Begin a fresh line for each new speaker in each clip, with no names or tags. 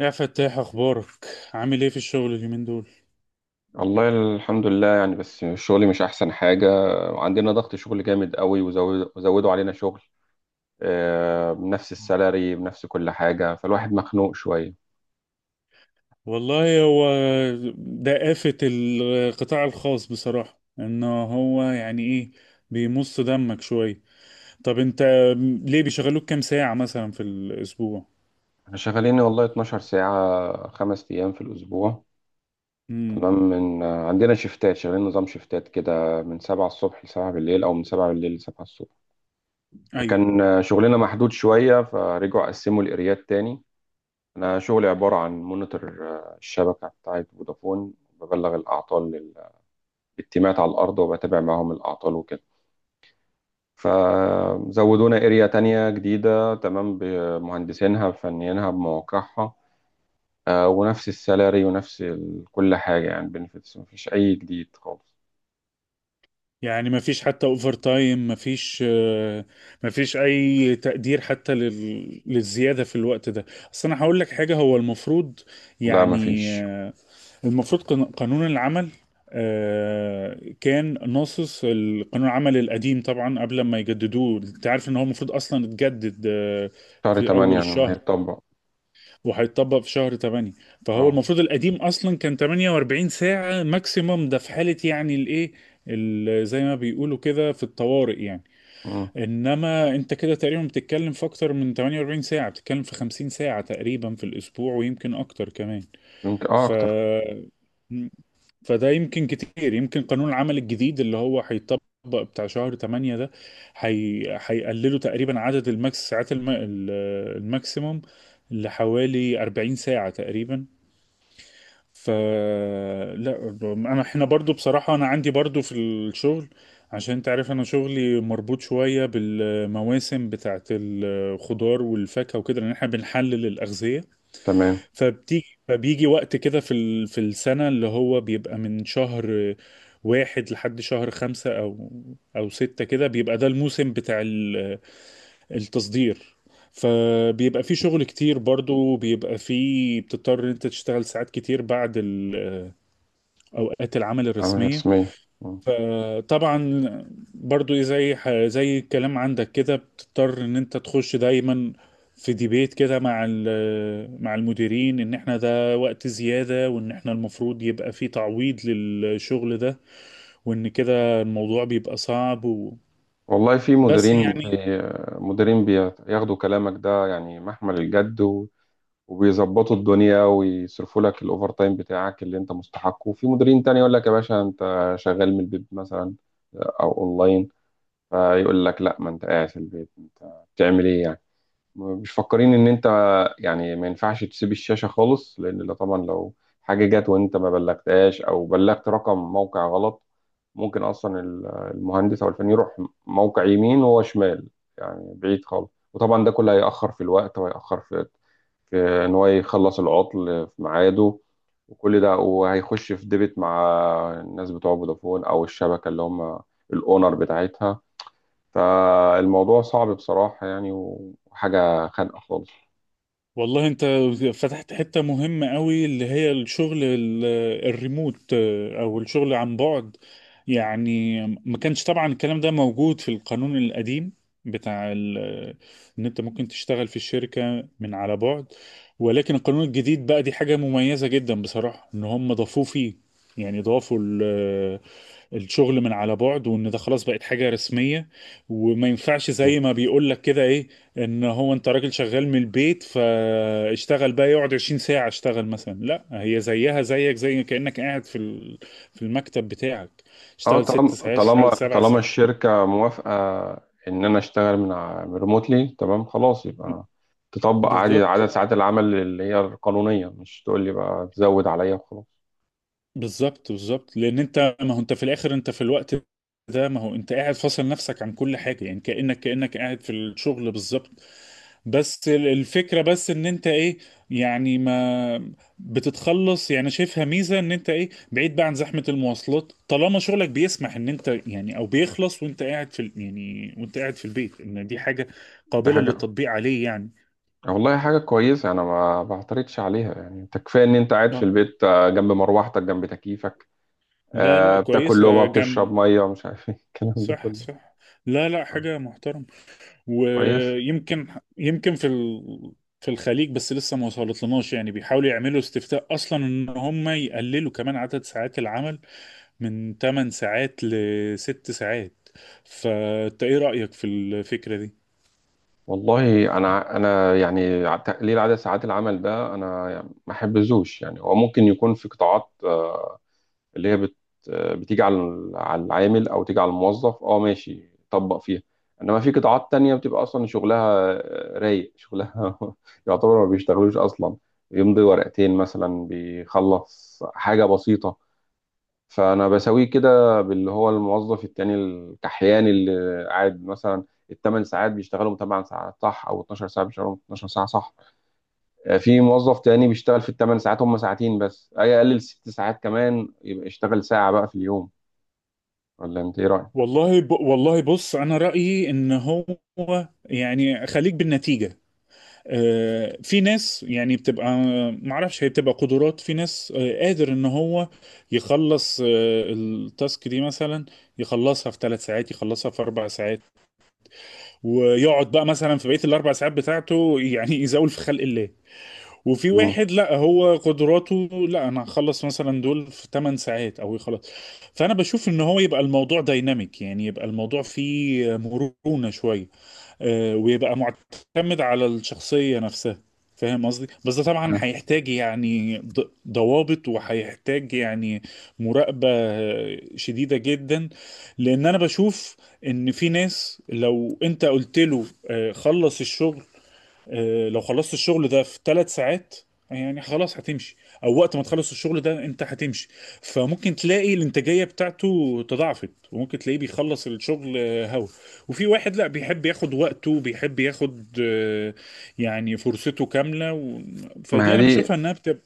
يا فتاح، اخبارك؟ عامل ايه في الشغل اليومين دول؟
والله، الحمد لله يعني بس شغلي مش احسن حاجه. عندنا ضغط شغل جامد قوي وزودوا علينا شغل، بنفس السالري بنفس كل حاجه فالواحد مخنوق شويه.
والله هو ده آفة القطاع الخاص بصراحة ان هو يعني ايه، بيمص دمك شوية. طب انت ليه بيشغلوك كام ساعة مثلا في الاسبوع؟
احنا شغالين والله 12 ساعه 5 ايام في الاسبوع.
امم
تمام. من آه، عندنا شيفتات شغالين نظام شيفتات كده من 7 الصبح ل 7 بالليل او من 7 بالليل ل 7 الصبح.
ايوه،
فكان شغلنا محدود شويه فرجعوا قسموا الاريات تاني. انا شغلي عباره عن مونيتور الشبكه بتاعت فودافون، ببلغ الاعطال التيمات على الأرض وبتابع معاهم الأعطال وكده. فزودونا اريا تانية جديدة تمام بمهندسينها بفنيينها بمواقعها، ونفس السالاري ونفس كل حاجة يعني بنفيتس، مفيش أي جديد خالص.
يعني ما فيش حتى اوفر تايم، ما فيش، ما فيش اي تقدير حتى للزيادة في الوقت ده. اصل انا هقول لك حاجة، هو المفروض
لا
يعني
مفيش.
المفروض قانون العمل كان ناصص. القانون العمل القديم طبعا قبل ما يجددوه، انت عارف ان هو المفروض اصلا اتجدد
شهر
في اول
تمانية لما
الشهر،
هيتطبق.
وهيتطبق في شهر 8. فهو
اه.
المفروض القديم اصلا كان 48 ساعة ماكسيموم، ده في حالة يعني الايه، زي ما بيقولوا كده في الطوارئ يعني.
مم.
انما انت كده تقريبا بتتكلم في اكتر من 48 ساعة، بتتكلم في 50 ساعة تقريبا في الاسبوع، ويمكن اكتر كمان.
يمكن
ف
أكتر.
فده يمكن كتير، يمكن قانون العمل الجديد اللي هو هيطبق بتاع شهر 8 ده هيقللوا تقريبا عدد الماكس ساعات الماكسيموم لحوالي 40 ساعة تقريبا. ف لا، انا احنا برضو بصراحة انا عندي برضو في الشغل، عشان انت عارف انا شغلي مربوط شوية بالمواسم بتاعت الخضار والفاكهة وكده، لان احنا بنحلل الأغذية.
تمام.
فبيجي وقت كده في السنة، اللي هو بيبقى من شهر 1 لحد شهر 5 أو 6 كده، بيبقى ده الموسم بتاع التصدير. فبيبقى في شغل كتير، برضو بيبقى في، بتضطر إن انت تشتغل ساعات كتير بعد اوقات العمل
عامل
الرسمية.
رسمية. مم.
فطبعا برضو إيه، زي زي الكلام عندك كده، بتضطر ان انت تخش دايما في ديبيت كده مع مع المديرين ان احنا ده وقت زيادة، وان احنا المفروض يبقى في تعويض للشغل ده، وان كده الموضوع بيبقى صعب و...
والله في
بس يعني.
مديرين بياخدوا كلامك ده يعني محمل الجد وبيظبطوا الدنيا ويصرفوا لك الاوفر تايم بتاعك اللي انت مستحقه، وفي مديرين تاني يقول لك يا باشا انت شغال من البيت مثلا، او اونلاين. فيقول لك لا، ما انت قاعد في البيت انت بتعمل ايه يعني؟ مش فاكرين ان انت. يعني ما ينفعش تسيب الشاشة خالص، لان طبعا لو حاجة جت وانت ما بلغتهاش او بلغت رقم موقع غلط، ممكن اصلا المهندس او الفني يروح موقع يمين وهو شمال، يعني بعيد خالص. وطبعا ده كله هيأخر في الوقت وهيأخر في ان هو يخلص العطل في ميعاده، وكل ده وهيخش في ديبت مع الناس بتوع فودافون او الشبكة اللي هم الاونر بتاعتها. فالموضوع صعب بصراحة يعني، وحاجة خانقة خالص.
والله انت فتحت حتة مهمة قوي، اللي هي الشغل الريموت او الشغل عن بعد. يعني ما كانش طبعا الكلام ده موجود في القانون القديم بتاع ان انت ممكن تشتغل في الشركة من على بعد، ولكن القانون الجديد بقى دي حاجة مميزة جدا بصراحة ان هم ضافوه فيه، يعني ضافوا الشغل من على بعد، وان ده خلاص بقت حاجة رسمية. وما ينفعش زي ما بيقول لك كده ايه، ان هو انت راجل شغال من البيت فاشتغل بقى، يقعد 20 ساعة اشتغل مثلا، لا هي زيها زيك زي كأنك قاعد في المكتب بتاعك،
اه،
اشتغل ست
طالما
ساعات
طالما
اشتغل سبع
طالما
ساعات
الشركة موافقة ان انا اشتغل من ريموتلي، تمام، خلاص يبقى تطبق عادي عدد
بالظبط،
ساعات العمل اللي هي القانونية، مش تقول لي بقى تزود عليا وخلاص.
بالظبط، بالظبط، لان انت، ما هو انت في الاخر انت في الوقت ده، ما هو انت قاعد فاصل نفسك عن كل حاجه، يعني كانك قاعد في الشغل بالظبط. بس الفكره بس ان انت ايه، يعني ما بتتخلص، يعني شايفها ميزه ان انت ايه، بعيد بقى عن زحمه المواصلات، طالما شغلك بيسمح ان انت يعني، او بيخلص وانت قاعد يعني وانت قاعد في البيت، ان دي حاجه
دي
قابله
حاجة
للتطبيق عليه يعني.
والله حاجة كويسة، انا ما بعترضش عليها يعني. انت كفاية ان انت قاعد في
آه.
البيت جنب مروحتك جنب تكييفك،
لا لا،
بتاكل لقمة
كويسه جم.
بتشرب مية مش عارف ايه الكلام ده
صح
كله.
صح. لا لا،
آه،
حاجه محترمه.
كويس.
ويمكن، يمكن في ال... في الخليج بس لسه ما وصلتلناش، يعني بيحاولوا يعملوا استفتاء اصلا ان هم يقللوا كمان عدد ساعات العمل من 8 ساعات ل 6 ساعات. فانت ايه رأيك في الفكرة دي؟
والله انا يعني، تقليل عدد ساعات العمل ده انا يعني ما احبذوش. يعني هو ممكن يكون في قطاعات اللي هي بت آه، بتيجي على على العامل او تيجي على الموظف، اه ماشي طبق فيها. انما في قطاعات تانية بتبقى اصلا شغلها رايق، شغلها يعتبر ما بيشتغلوش اصلا، يمضي ورقتين مثلا بيخلص حاجة بسيطة. فانا بساويه كده باللي هو الموظف التاني الكحيان اللي قاعد مثلا الثمان ساعات بيشتغلهم 8 ساعات صح، او 12 ساعه بيشتغلهم 12 ساعه صح. في موظف تاني بيشتغل في الثمان ساعات هم ساعتين بس، اي اقلل 6 ساعات كمان يبقى يشتغل ساعه بقى في اليوم. ولا انت ايه رايك؟
والله بص، انا رأيي ان هو يعني خليك بالنتيجة. في ناس يعني بتبقى، معرفش هي بتبقى قدرات. في ناس قادر ان هو يخلص التاسك دي مثلا، يخلصها في 3 ساعات، يخلصها في 4 ساعات، ويقعد بقى مثلا في بقية الاربع ساعات بتاعته يعني يزاول في خلق الله. وفي
مم.
واحد لا، هو قدراته، لا انا هخلص مثلا دول في 8 ساعات او يخلص. فانا بشوف ان هو يبقى الموضوع دايناميك، يعني يبقى الموضوع فيه مرونة شوية، ويبقى معتمد على الشخصية نفسها. فاهم قصدي، بس ده طبعا هيحتاج يعني ضوابط، وهيحتاج يعني مراقبة شديدة جدا، لان انا بشوف ان في ناس لو انت قلت له خلص الشغل، لو خلصت الشغل ده في 3 ساعات يعني خلاص هتمشي، او وقت ما تخلص الشغل ده انت هتمشي، فممكن تلاقي الانتاجيه بتاعته تضاعفت، وممكن تلاقيه بيخلص الشغل هوا. وفي واحد لا، بيحب ياخد وقته، بيحب ياخد يعني فرصته كامله و...
ما
فدي
هي
انا
دي
بشوفها انها بتبقى.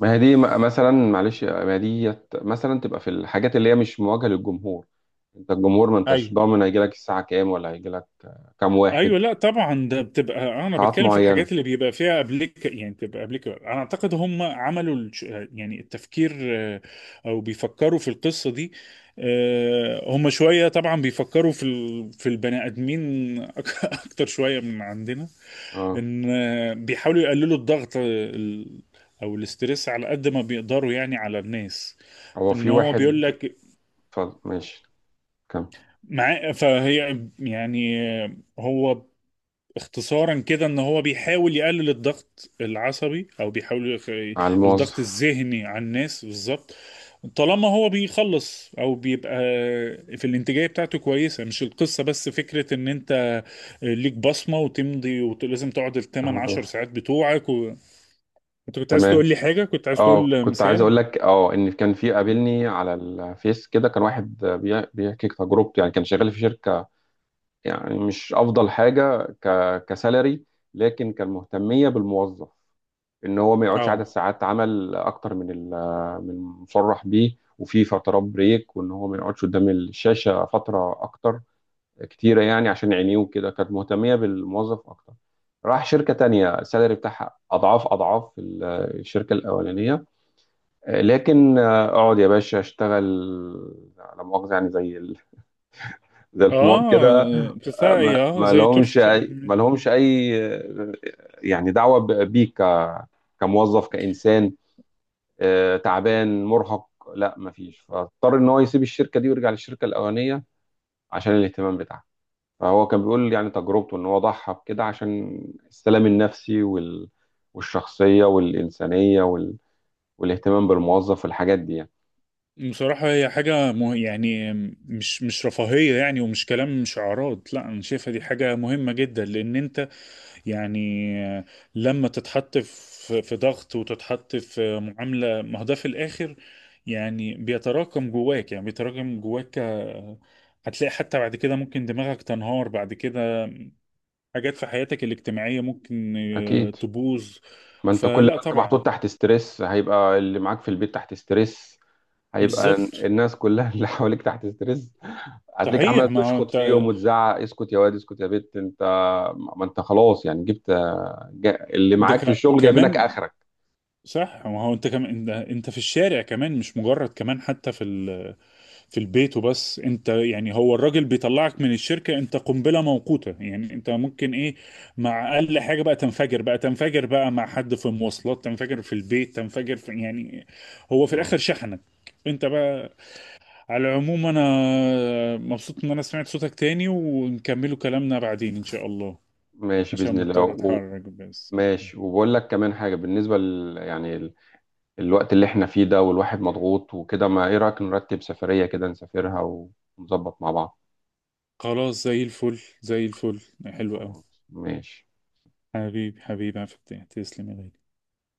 ما هي دي م- مثلا معلش ما هي دي مثلا تبقى في الحاجات اللي هي مش مواجهه للجمهور. انت الجمهور ما انتش
ايوه
ضامن هيجي لك الساعه كام، ولا هيجي لك كام واحد.
ايوه، لا طبعا، ده بتبقى انا
قطاعات
بتكلم في
معينه.
الحاجات اللي بيبقى فيها ابليك، يعني بتبقى ابليك. انا اعتقد هم عملوا يعني التفكير، آه، او بيفكروا في القصه دي. هم شويه طبعا بيفكروا في البني ادمين اكتر شويه من عندنا،
اه.
ان بيحاولوا يقللوا الضغط ال- او الاسترس على قد ما بيقدروا يعني على الناس.
هو
ان
في
هو بيقول
واحد.
لك
اتفضل ماشي كم.
مع فهي يعني هو اختصارا كده ان هو بيحاول يقلل الضغط العصبي، او بيحاول
على
الضغط
الموظف.
الذهني على الناس بالظبط. طالما هو بيخلص او بيبقى في الانتاجيه بتاعته كويسه، مش القصه بس فكره ان انت ليك بصمه وتمضي ولازم تقعد الثمان عشر ساعات بتوعك و... انت كنت عايز
تمام.
تقول لي حاجه، كنت عايز
اه
تقول
كنت عايز
مثال.
اقول لك، ان كان في قابلني على الفيس كده، كان واحد بيحكي تجربته يعني. كان شغال في شركه يعني مش افضل حاجه كسالري، لكن كان مهتميه بالموظف ان هو ما يقعدش عدد
اه
ساعات عمل اكتر من المصرح بيه، وفي فترات بريك، وان هو ما يقعدش قدام الشاشه فتره اكتر كتيرة يعني عشان عينيه وكده. كانت مهتمية بالموظف أكتر. راح شركة تانية السالري بتاعها أضعاف أضعاف الشركة الأولانية، لكن أقعد يا باشا أشتغل، لا مؤاخذة، يعني زي زي الحمار
اه،
كده.
بتاعي
ما
اه
ما
زي طرف.
لهمش أي، يعني دعوة بيك كموظف كإنسان، تعبان مرهق. لا مفيش، فاضطر إن هو يسيب الشركة دي ويرجع للشركة الأولانية عشان الاهتمام بتاعها. فهو كان بيقول يعني تجربته ان هو ضحى بكده عشان السلام النفسي والشخصية والإنسانية والاهتمام بالموظف والحاجات دي يعني.
بصراحة هي حاجة يعني، مش رفاهية، يعني ومش كلام، مش أعراض، لا أنا شايفها دي حاجة مهمة جدا، لأن أنت يعني، لما تتحط في ضغط وتتحط في معاملة، ما هو ده في الآخر يعني بيتراكم جواك، يعني بيتراكم جواك هتلاقي حتى بعد كده ممكن دماغك تنهار بعد كده، حاجات في حياتك الاجتماعية ممكن
أكيد.
تبوظ.
ما أنت كل
فلا
ما أنت محطوط
طبعا.
تحت ستريس هيبقى اللي معاك في البيت تحت ستريس، هيبقى
بالظبط.
الناس كلها اللي حواليك تحت ستريس. هتلاقيك
صحيح.
عمال
ما هو
تشخط
أنت،
فيهم وتزعق: اسكت يا واد، اسكت يا بت، انت ما انت خلاص يعني، جبت اللي
ده
معاك في الشغل جايبينك
كمان،
اخرك.
صح. ما هو انت كمان، انت في الشارع كمان، مش مجرد كمان حتى في البيت وبس. انت يعني، هو الراجل بيطلعك من الشركة انت قنبلة موقوتة، يعني انت ممكن ايه، مع اقل حاجة بقى تنفجر بقى، تنفجر بقى مع حد في المواصلات، تنفجر في البيت، تنفجر في يعني، هو في
مم.
الاخر شحنك انت بقى. على العموم انا مبسوط ان انا سمعت صوتك تاني، ونكملوا كلامنا بعدين ان شاء الله،
ماشي باذن
عشان مضطر
الله.
اتحرك بس.
ماشي، وبقول لك كمان حاجة بالنسبة يعني الوقت اللي احنا فيه ده، والواحد مضغوط وكده، ما ايه رأيك نرتب سفرية كده نسافرها، ونظبط مع بعض؟
خلاص، زي الفل زي الفل، حلو قوي.
خلاص ماشي.
حبيبي حبيبي، عفتي، تسلمي لي.